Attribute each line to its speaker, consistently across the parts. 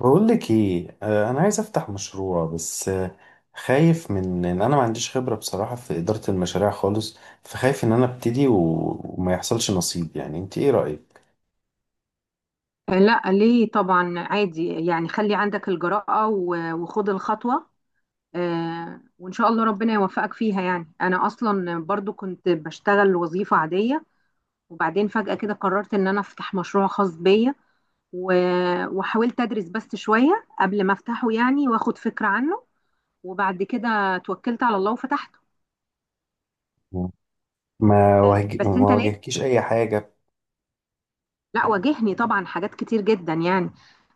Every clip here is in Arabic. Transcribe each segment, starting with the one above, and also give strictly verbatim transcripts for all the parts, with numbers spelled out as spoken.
Speaker 1: بقول لك ايه، آه، انا عايز افتح مشروع بس آه، خايف من ان انا ما عنديش خبرة بصراحة في إدارة المشاريع خالص. فخايف ان انا ابتدي و... وما يحصلش نصيب، يعني انت ايه رأيك؟
Speaker 2: لا، ليه؟ طبعا عادي يعني، خلي عندك الجرأة و- وخد الخطوة. آه، وإن شاء الله ربنا يوفقك فيها يعني. أنا أصلا برضو كنت بشتغل وظيفة عادية، وبعدين فجأة كده قررت إن أنا أفتح مشروع خاص بيا. و- وحاولت أدرس بس شوية قبل ما أفتحه يعني وأخد فكرة عنه، وبعد كده توكلت على الله وفتحته.
Speaker 1: ما واجه...
Speaker 2: بس أنت
Speaker 1: ما
Speaker 2: لازم.
Speaker 1: واجهكيش اي حاجة؟
Speaker 2: لا، واجهني طبعا حاجات كتير جدا يعني.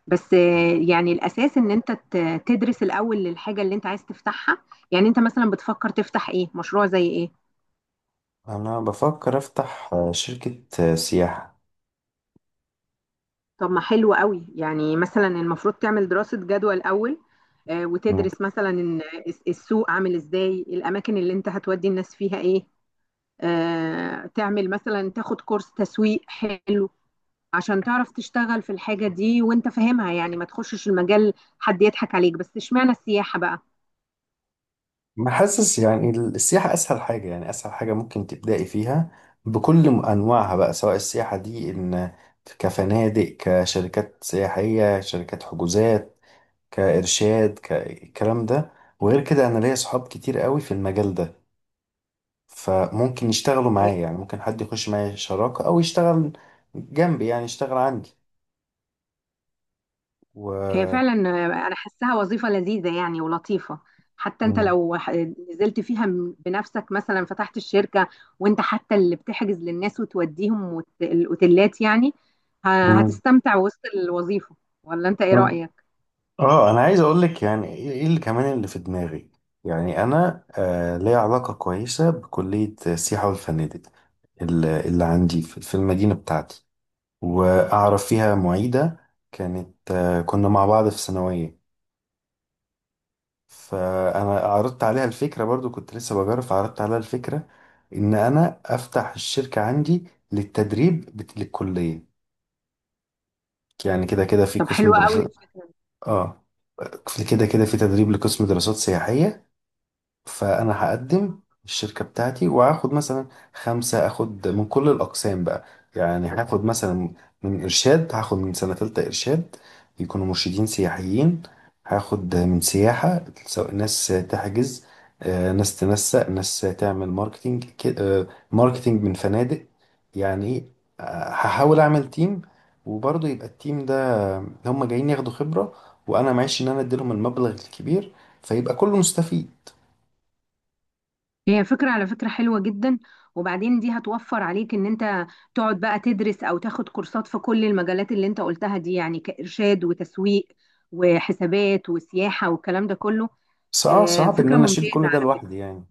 Speaker 2: بس آه، يعني الاساس ان انت ت- تدرس الاول للحاجه اللي انت عايز تفتحها. يعني انت مثلا بتفكر تفتح ايه؟ مشروع زي ايه؟
Speaker 1: انا بفكر افتح آه، شركة آه، سياحة.
Speaker 2: طب ما حلو قوي يعني. مثلا المفروض تعمل دراسه جدوى الاول، آه،
Speaker 1: مم.
Speaker 2: وتدرس مثلا إن الس- السوق عامل ازاي، الاماكن اللي انت هتودي الناس فيها ايه. آه، تعمل مثلا، تاخد كورس تسويق حلو عشان تعرف تشتغل في الحاجه دي وانت فاهمها، يعني ما تخشش المجال حد يضحك عليك. بس اشمعنى السياحه بقى؟
Speaker 1: ما حاسس، يعني السياحة اسهل حاجة، يعني اسهل حاجة ممكن تبدأي فيها، بكل م- انواعها، بقى سواء السياحة دي ان كفنادق، كشركات سياحية، شركات حجوزات، كإرشاد، كالكلام ده. وغير كده أنا ليا صحاب كتير قوي في المجال ده، فممكن يشتغلوا معايا، يعني ممكن حد يخش معايا شراكة أو يشتغل جنبي، يعني يشتغل عندي،
Speaker 2: هي
Speaker 1: و.
Speaker 2: فعلا انا حاساها وظيفه لذيذه يعني ولطيفه. حتى انت
Speaker 1: مم.
Speaker 2: لو ح- نزلت فيها م- بنفسك مثلا، فتحت الشركه وانت حتى اللي بتحجز للناس وتوديهم وت- الاوتيلات يعني، ه-
Speaker 1: مم.
Speaker 2: هتستمتع وسط الوظيفه. ولا انت ايه رايك؟
Speaker 1: اه، أنا عايز أقول لك، يعني إيه إيه اللي كمان اللي في دماغي. يعني أنا آه ليا علاقة كويسة بكلية السياحة والفنادق، اللي اللي عندي في في المدينة بتاعتي. وأعرف فيها معيدة، كانت آه كنا مع بعض في ثانوية. فانا عرضت عليها الفكره، برضو كنت لسه بجرب، فعرضت عليها الفكره ان انا افتح الشركه عندي للتدريب بت- للكليه. يعني كده كده في
Speaker 2: طب
Speaker 1: قسم
Speaker 2: حلوه قوي
Speaker 1: دراسات.
Speaker 2: الفكره دي.
Speaker 1: اه، كده كده في تدريب لقسم دراسات سياحيه، فانا هقدم الشركه بتاعتي، وهاخد مثلا خمسه، اخد من كل الاقسام بقى، يعني هاخد مثلا، من ارشاد هاخد من سنه تالته ارشاد، يكونوا مرشدين سياحيين. هاخد من سياحه، سواء ناس تحجز، آه، ناس تنسق، ناس تعمل ماركتينج ك- آه، ماركتينج من فنادق. يعني ايه، آه، هحاول اعمل تيم، وبرضه يبقى التيم ده هم جايين ياخدوا خبره، وانا معيش ان انا اديلهم المبلغ الكبير، فيبقى كله مستفيد.
Speaker 2: هي فكره، على فكره، حلوه جدا. وبعدين دي هتوفر عليك ان انت تقعد بقى تدرس او تاخد كورسات في كل المجالات اللي انت قلتها دي، يعني كارشاد وتسويق وحسابات وسياحه والكلام ده كله.
Speaker 1: بس اه،
Speaker 2: آه،
Speaker 1: صعب ان
Speaker 2: فكرة
Speaker 1: انا اشيل
Speaker 2: ممتازة
Speaker 1: كل ده
Speaker 2: على فكرة.
Speaker 1: لوحدي يعني.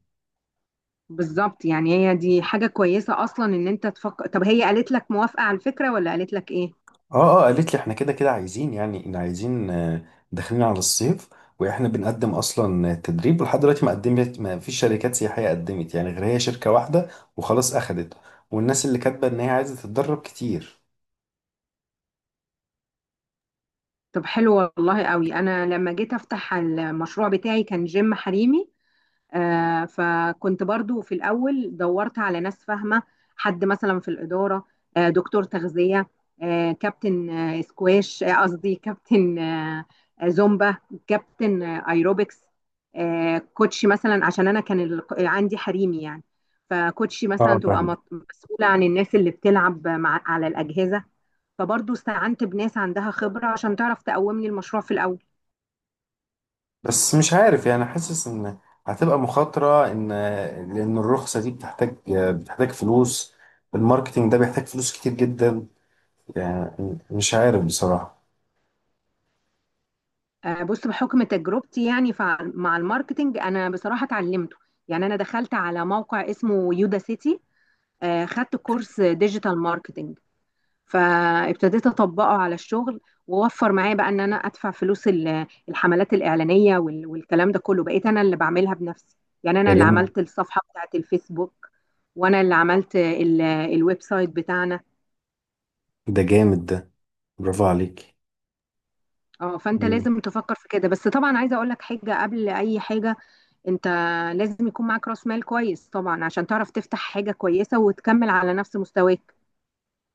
Speaker 2: بالظبط يعني، هي دي حاجة كويسة أصلا إن أنت تفكر. طب هي قالت لك موافقة على الفكرة ولا قالت لك إيه؟
Speaker 1: اه اه، قالت لي احنا كده كده عايزين، يعني إن عايزين، آه، داخلين على الصيف. واحنا بنقدم اصلا تدريب، ولحد دلوقتي ما قدمت ما فيش شركات سياحيه قدمت يعني، غير هي شركه واحده وخلاص اخدت. والناس اللي كاتبه ان هي عايزه تتدرب كتير.
Speaker 2: طب حلو والله قوي. أنا لما جيت أفتح المشروع بتاعي كان جيم حريمي. آه، فكنت برضو في الأول دورت على ناس فاهمة، حد مثلا في الإدارة، آه، دكتور تغذية، آه، كابتن آه، سكواش، آه، قصدي كابتن، آه، آه، زومبا، كابتن آه، ايروبكس، آه، كوتشي مثلا، عشان انا كان ال- عندي حريمي يعني. فكوتشي
Speaker 1: اه،
Speaker 2: مثلا تبقى
Speaker 1: فاهم.
Speaker 2: مط- مسؤولة عن الناس اللي بتلعب مع على الأجهزة. فبرضو استعنت بناس عندها خبرة عشان تعرف تقومني المشروع في الأول.
Speaker 1: بس مش عارف يعني، حاسس ان هتبقى مخاطره، ان لان الرخصه دي بتحتاج آه، بتحتاج فلوس، الماركتينج ده بيحتاج فلوس كتير جدا، يعني مش عارف بصراحه.
Speaker 2: آه، بص، بحكم تجربتي يعني فع- مع الماركتينج، انا بصراحه اتعلمته. يعني انا دخلت على موقع اسمه يودا سيتي، آه، خدت كورس ديجيتال ماركتينج، فابتديت اطبقه على الشغل. ووفر معايا بقى ان انا ادفع فلوس ال- الحملات الاعلانيه وال- والكلام ده كله، بقيت انا اللي بعملها بنفسي. يعني انا اللي عملت الصفحه بتاعت الفيسبوك، وانا اللي عملت ال- الويب سايت بتاعنا.
Speaker 1: ده جامد ده، برافو عليك.
Speaker 2: اه، فانت
Speaker 1: مم.
Speaker 2: لازم تفكر في كده. بس طبعا عايزه اقول لك حاجه قبل اي حاجه، انت لازم يكون معاك راس مال كويس طبعا عشان تعرف تفتح حاجة كويسة وتكمل على نفس مستواك.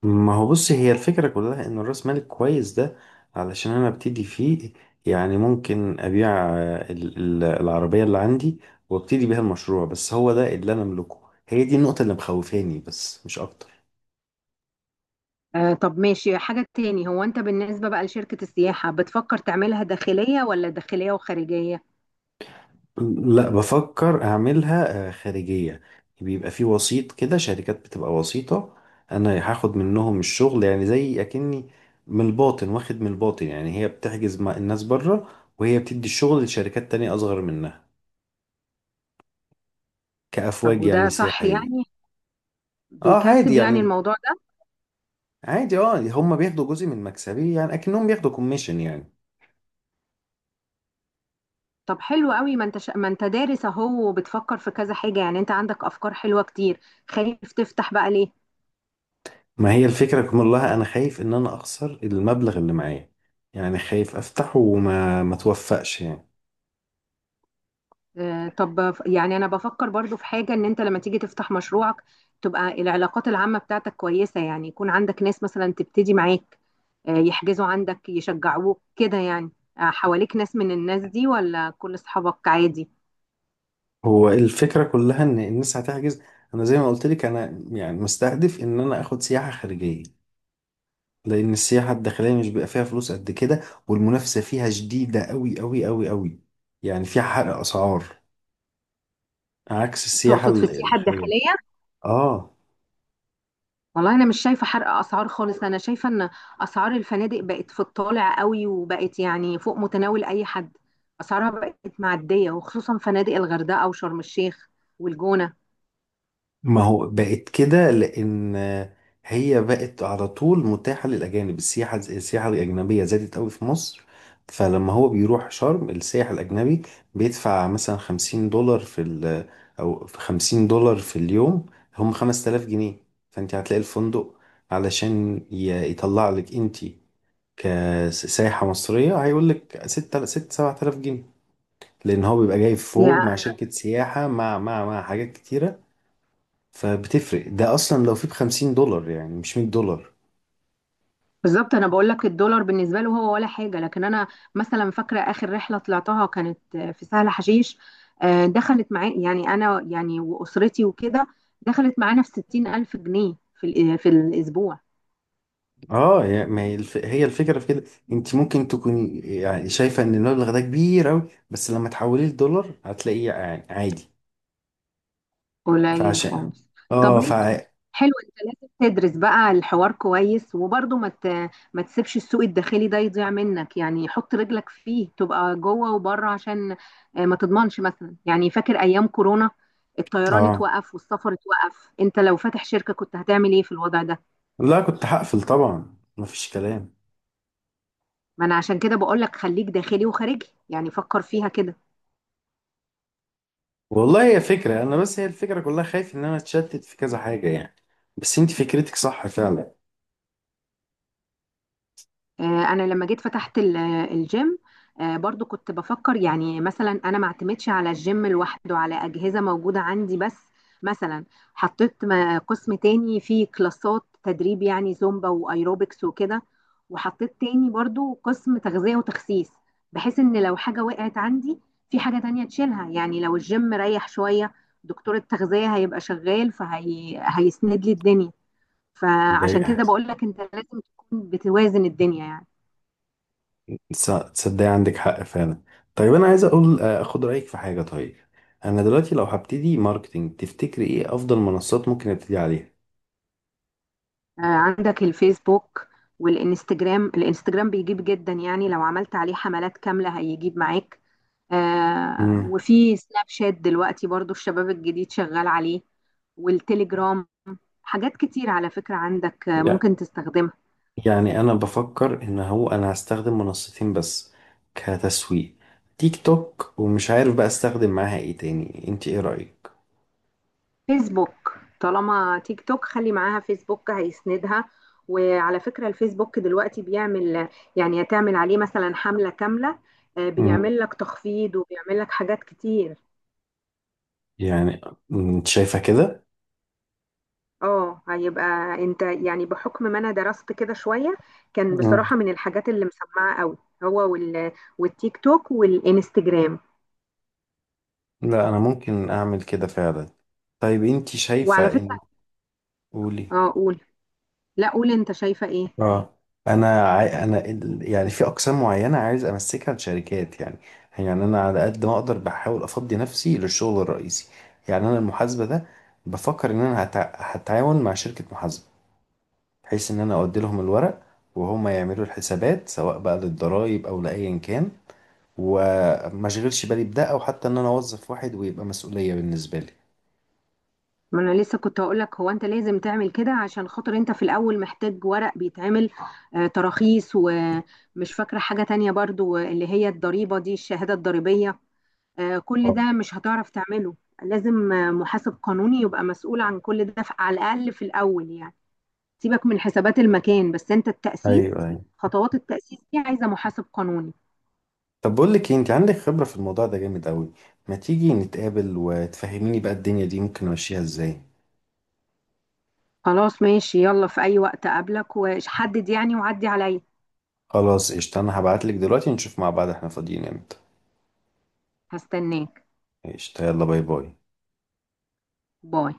Speaker 1: ما هو بص، هي الفكرة كلها ان الراس مال الكويس ده علشان انا ابتدي فيه، يعني ممكن ابيع، آه، ال- ال- العربية اللي عندي، وابتدي بيها المشروع، بس هو ده اللي انا املكه. هي دي النقطة اللي مخوفاني، بس مش اكتر.
Speaker 2: آه، طب ماشي. حاجة تاني، هو انت بالنسبة بقى لشركة السياحة بتفكر تعملها داخلية ولا داخلية وخارجية؟
Speaker 1: لا، بفكر اعملها آه، خارجية. بيبقى في وسيط كده، شركات بتبقى وسيطة. انا هاخد منهم الشغل، يعني زي اكني من الباطن، واخد من الباطن، يعني هي بتحجز مع الناس بره، وهي بتدي الشغل لشركات تانية اصغر منها،
Speaker 2: طب
Speaker 1: كأفواج يعني
Speaker 2: وده صح
Speaker 1: سياحية.
Speaker 2: يعني؟
Speaker 1: اه، عادي
Speaker 2: بيكسب يعني
Speaker 1: يعني.
Speaker 2: الموضوع ده؟
Speaker 1: عادي، اه هم بياخدوا جزء من مكسبي، يعني اكنهم بياخدوا كوميشن يعني.
Speaker 2: طب حلو قوي، ما انت ش... ما انت دارس اهو وبتفكر في كذا حاجة يعني، انت عندك افكار حلوة كتير. خايف تفتح بقى ليه؟
Speaker 1: ما هي الفكرة كلها، انا خايف ان انا اخسر المبلغ اللي معايا، يعني خايف افتحه، وما ما توفقش يعني.
Speaker 2: آه، طب ف- يعني انا بفكر برضو في حاجة، ان انت لما تيجي تفتح مشروعك تبقى العلاقات العامة بتاعتك كويسة، يعني يكون عندك ناس مثلا تبتدي معاك، آه، يحجزوا عندك، يشجعوك كده يعني. آه، حواليك ناس من الناس دي ولا كل اصحابك عادي؟
Speaker 1: هو الفكرة كلها إن الناس هتحجز. أنا زي ما قلت لك، أنا يعني مستهدف إن أنا آخد سياحة خارجية، لأن السياحة الداخلية مش بيبقى فيها فلوس قد كده، والمنافسة فيها شديدة أوي أوي أوي أوي، يعني فيها حرق أسعار، عكس السياحة
Speaker 2: تقصد في
Speaker 1: ال-
Speaker 2: السياحة
Speaker 1: الخارجية.
Speaker 2: الداخلية؟
Speaker 1: آه.
Speaker 2: والله انا مش شايفة حرق اسعار خالص، انا شايفة ان اسعار الفنادق بقت في الطالع قوي، وبقت يعني فوق متناول اي حد. اسعارها بقت معدية، وخصوصا فنادق الغردقة وشرم الشيخ والجونة.
Speaker 1: ما هو بقت كده، لان هي بقت على طول متاحه للاجانب، السياحه السياحه الاجنبيه زادت قوي في مصر. فلما هو بيروح شرم السائح الاجنبي، بيدفع مثلا خمسين دولار في ال او في خمسين دولار في اليوم، هم خمس تلاف جنيه. فانت هتلاقي الفندق، علشان ي- يطلع لك انت كسائحه مصريه، هيقول لك ست ست سبعة الاف جنيه، لان هو بيبقى جاي فوق مع شركه سياحه، مع مع مع حاجات كتيره، فبتفرق ده اصلا، لو في بخمسين دولار، يعني مش مية دولار.
Speaker 2: بالظبط، انا بقول لك الدولار بالنسبه له هو ولا حاجه، لكن انا مثلا فاكره اخر رحله طلعتها كانت في سهل حشيش. آه، دخلت معايا يعني، انا يعني واسرتي وكده، دخلت معانا في ستين ألف جنيه في الأ- في الاسبوع.
Speaker 1: اه يا- ما هي الف- هي الفكرة في كده، انت ممكن تكوني يعني شايفة ان المبلغ ده كبير اوي، بس لما تحوليه لدولار هتلاقيه يعني عادي.
Speaker 2: قليل
Speaker 1: فعشان
Speaker 2: خالص. طب
Speaker 1: اه
Speaker 2: ماشي،
Speaker 1: فع
Speaker 2: حلو. انت لازم تدرس بقى الحوار كويس، وبرضه ما ت- ما تسيبش السوق الداخلي ده يضيع منك، يعني حط رجلك فيه تبقى جوه وبره، عشان آه، ما تضمنش مثلا. يعني فاكر ايام كورونا الطيران
Speaker 1: اه،
Speaker 2: اتوقف والسفر اتوقف، انت لو فاتح شركة كنت هتعمل ايه في الوضع ده؟
Speaker 1: لا، كنت هقفل طبعا، مفيش كلام.
Speaker 2: ما انا عشان كده بقول لك خليك داخلي وخارجي، يعني فكر فيها كده.
Speaker 1: والله هي فكرة، انا بس هي الفكرة كلها خايف ان انا اتشتت في كذا حاجة يعني، بس انت فكرتك صح فعلا.
Speaker 2: آه، انا لما جيت فتحت ال- الجيم، آه، برضو كنت بفكر يعني، مثلا انا ما اعتمدش على الجيم لوحده، على اجهزه موجوده عندي بس. مثلا حطيت م- قسم تاني فيه كلاسات تدريب، يعني زومبا وايروبكس وكده، وحطيت تاني برضو قسم تغذيه وتخسيس، بحيث ان لو حاجه وقعت عندي في حاجه تانية تشيلها. يعني لو الجيم ريح شويه، دكتور التغذيه هيبقى شغال فهيسند لي الدنيا.
Speaker 1: ده،
Speaker 2: فعشان كده بقول لك انت لازم تكون بتوازن الدنيا يعني.
Speaker 1: تص- تصدقي عندك حق فعلا. طيب، انا عايز اقول آه، اخد رايك في حاجه. طيب انا دلوقتي لو هبتدي ماركتينج، تفتكري ايه افضل منصات ممكن ابتدي عليها؟
Speaker 2: آه، عندك الفيسبوك والانستجرام. الانستجرام بيجيب جدا يعني، لو عملت عليه حملات كاملة هيجيب معاك. آه،
Speaker 1: امم.
Speaker 2: وفي سناب شات دلوقتي برضو الشباب الجديد شغال عليه، والتليجرام. حاجات كتير على فكرة عندك، آه، ممكن تستخدمها.
Speaker 1: يعني انا بفكر، ان هو انا هستخدم منصتين بس كتسويق، تيك توك ومش عارف بقى استخدم معاها ايه تاني. انت ايه رايك؟
Speaker 2: فيسبوك، طالما تيك توك خلي معاها فيسبوك هيسندها. وعلى فكرة الفيسبوك دلوقتي بيعمل، يعني هتعمل عليه مثلا حملة كاملة، آه،
Speaker 1: امم
Speaker 2: بيعمل لك تخفيض وبيعمل لك حاجات كتير.
Speaker 1: يعني انت شايفه كده.
Speaker 2: اه، هيبقى انت، يعني بحكم ما انا درست كده شوية، كان
Speaker 1: مم.
Speaker 2: بصراحة من الحاجات اللي مسمعة قوي هو وال... والتيك توك والانستجرام.
Speaker 1: لا، انا ممكن اعمل كده فعلا. طيب، انت
Speaker 2: وعلى
Speaker 1: شايفه
Speaker 2: فكرة،
Speaker 1: ان، قولي.
Speaker 2: اه قول. لا قول انت شايفة ايه.
Speaker 1: اه. انا عاي... انا ال- يعني في اقسام معينه عايز امسكها لشركات، يعني يعني انا على قد ما اقدر بحاول افضي نفسي للشغل الرئيسي، يعني انا المحاسبه ده، بفكر ان انا هتع... هتعاون مع شركه محاسبه، بحيث ان انا اودي لهم الورق، وهم يعملوا الحسابات سواء بقى للضرائب او لايا كان، وما اشغلش بالي بده، او حتى ان انا اوظف واحد ويبقى مسؤوليه بالنسبه لي.
Speaker 2: ما انا لسه كنت هقول لك، هو انت لازم تعمل كده، عشان خاطر انت في الاول محتاج ورق بيتعمل، آه، تراخيص، ومش فاكرة حاجة تانية برضو، اللي هي الضريبة دي، الشهادة الضريبية. آه، كل
Speaker 1: آه.
Speaker 2: ده مش هتعرف تعمله. لازم آه، محاسب قانوني يبقى مسؤول عن كل ده في- على الاقل في الاول يعني. سيبك من حسابات المكان، بس انت التأسيس،
Speaker 1: ايوه، ايوه.
Speaker 2: خطوات التأسيس دي عايزة محاسب قانوني.
Speaker 1: طب، بقول لك ايه، انت عندك خبرة في الموضوع ده جامد قوي، ما تيجي نتقابل وتفهميني بقى الدنيا دي ممكن امشيها ازاي؟
Speaker 2: خلاص ماشي، يلا في أي وقت أقابلك، وحدد يعني وعدي عليا.
Speaker 1: خلاص قشطة، انا هبعت لك دلوقتي نشوف مع بعض احنا فاضيين امتى.
Speaker 2: هستناك.
Speaker 1: قشطة، يلا، باي باي.
Speaker 2: باي.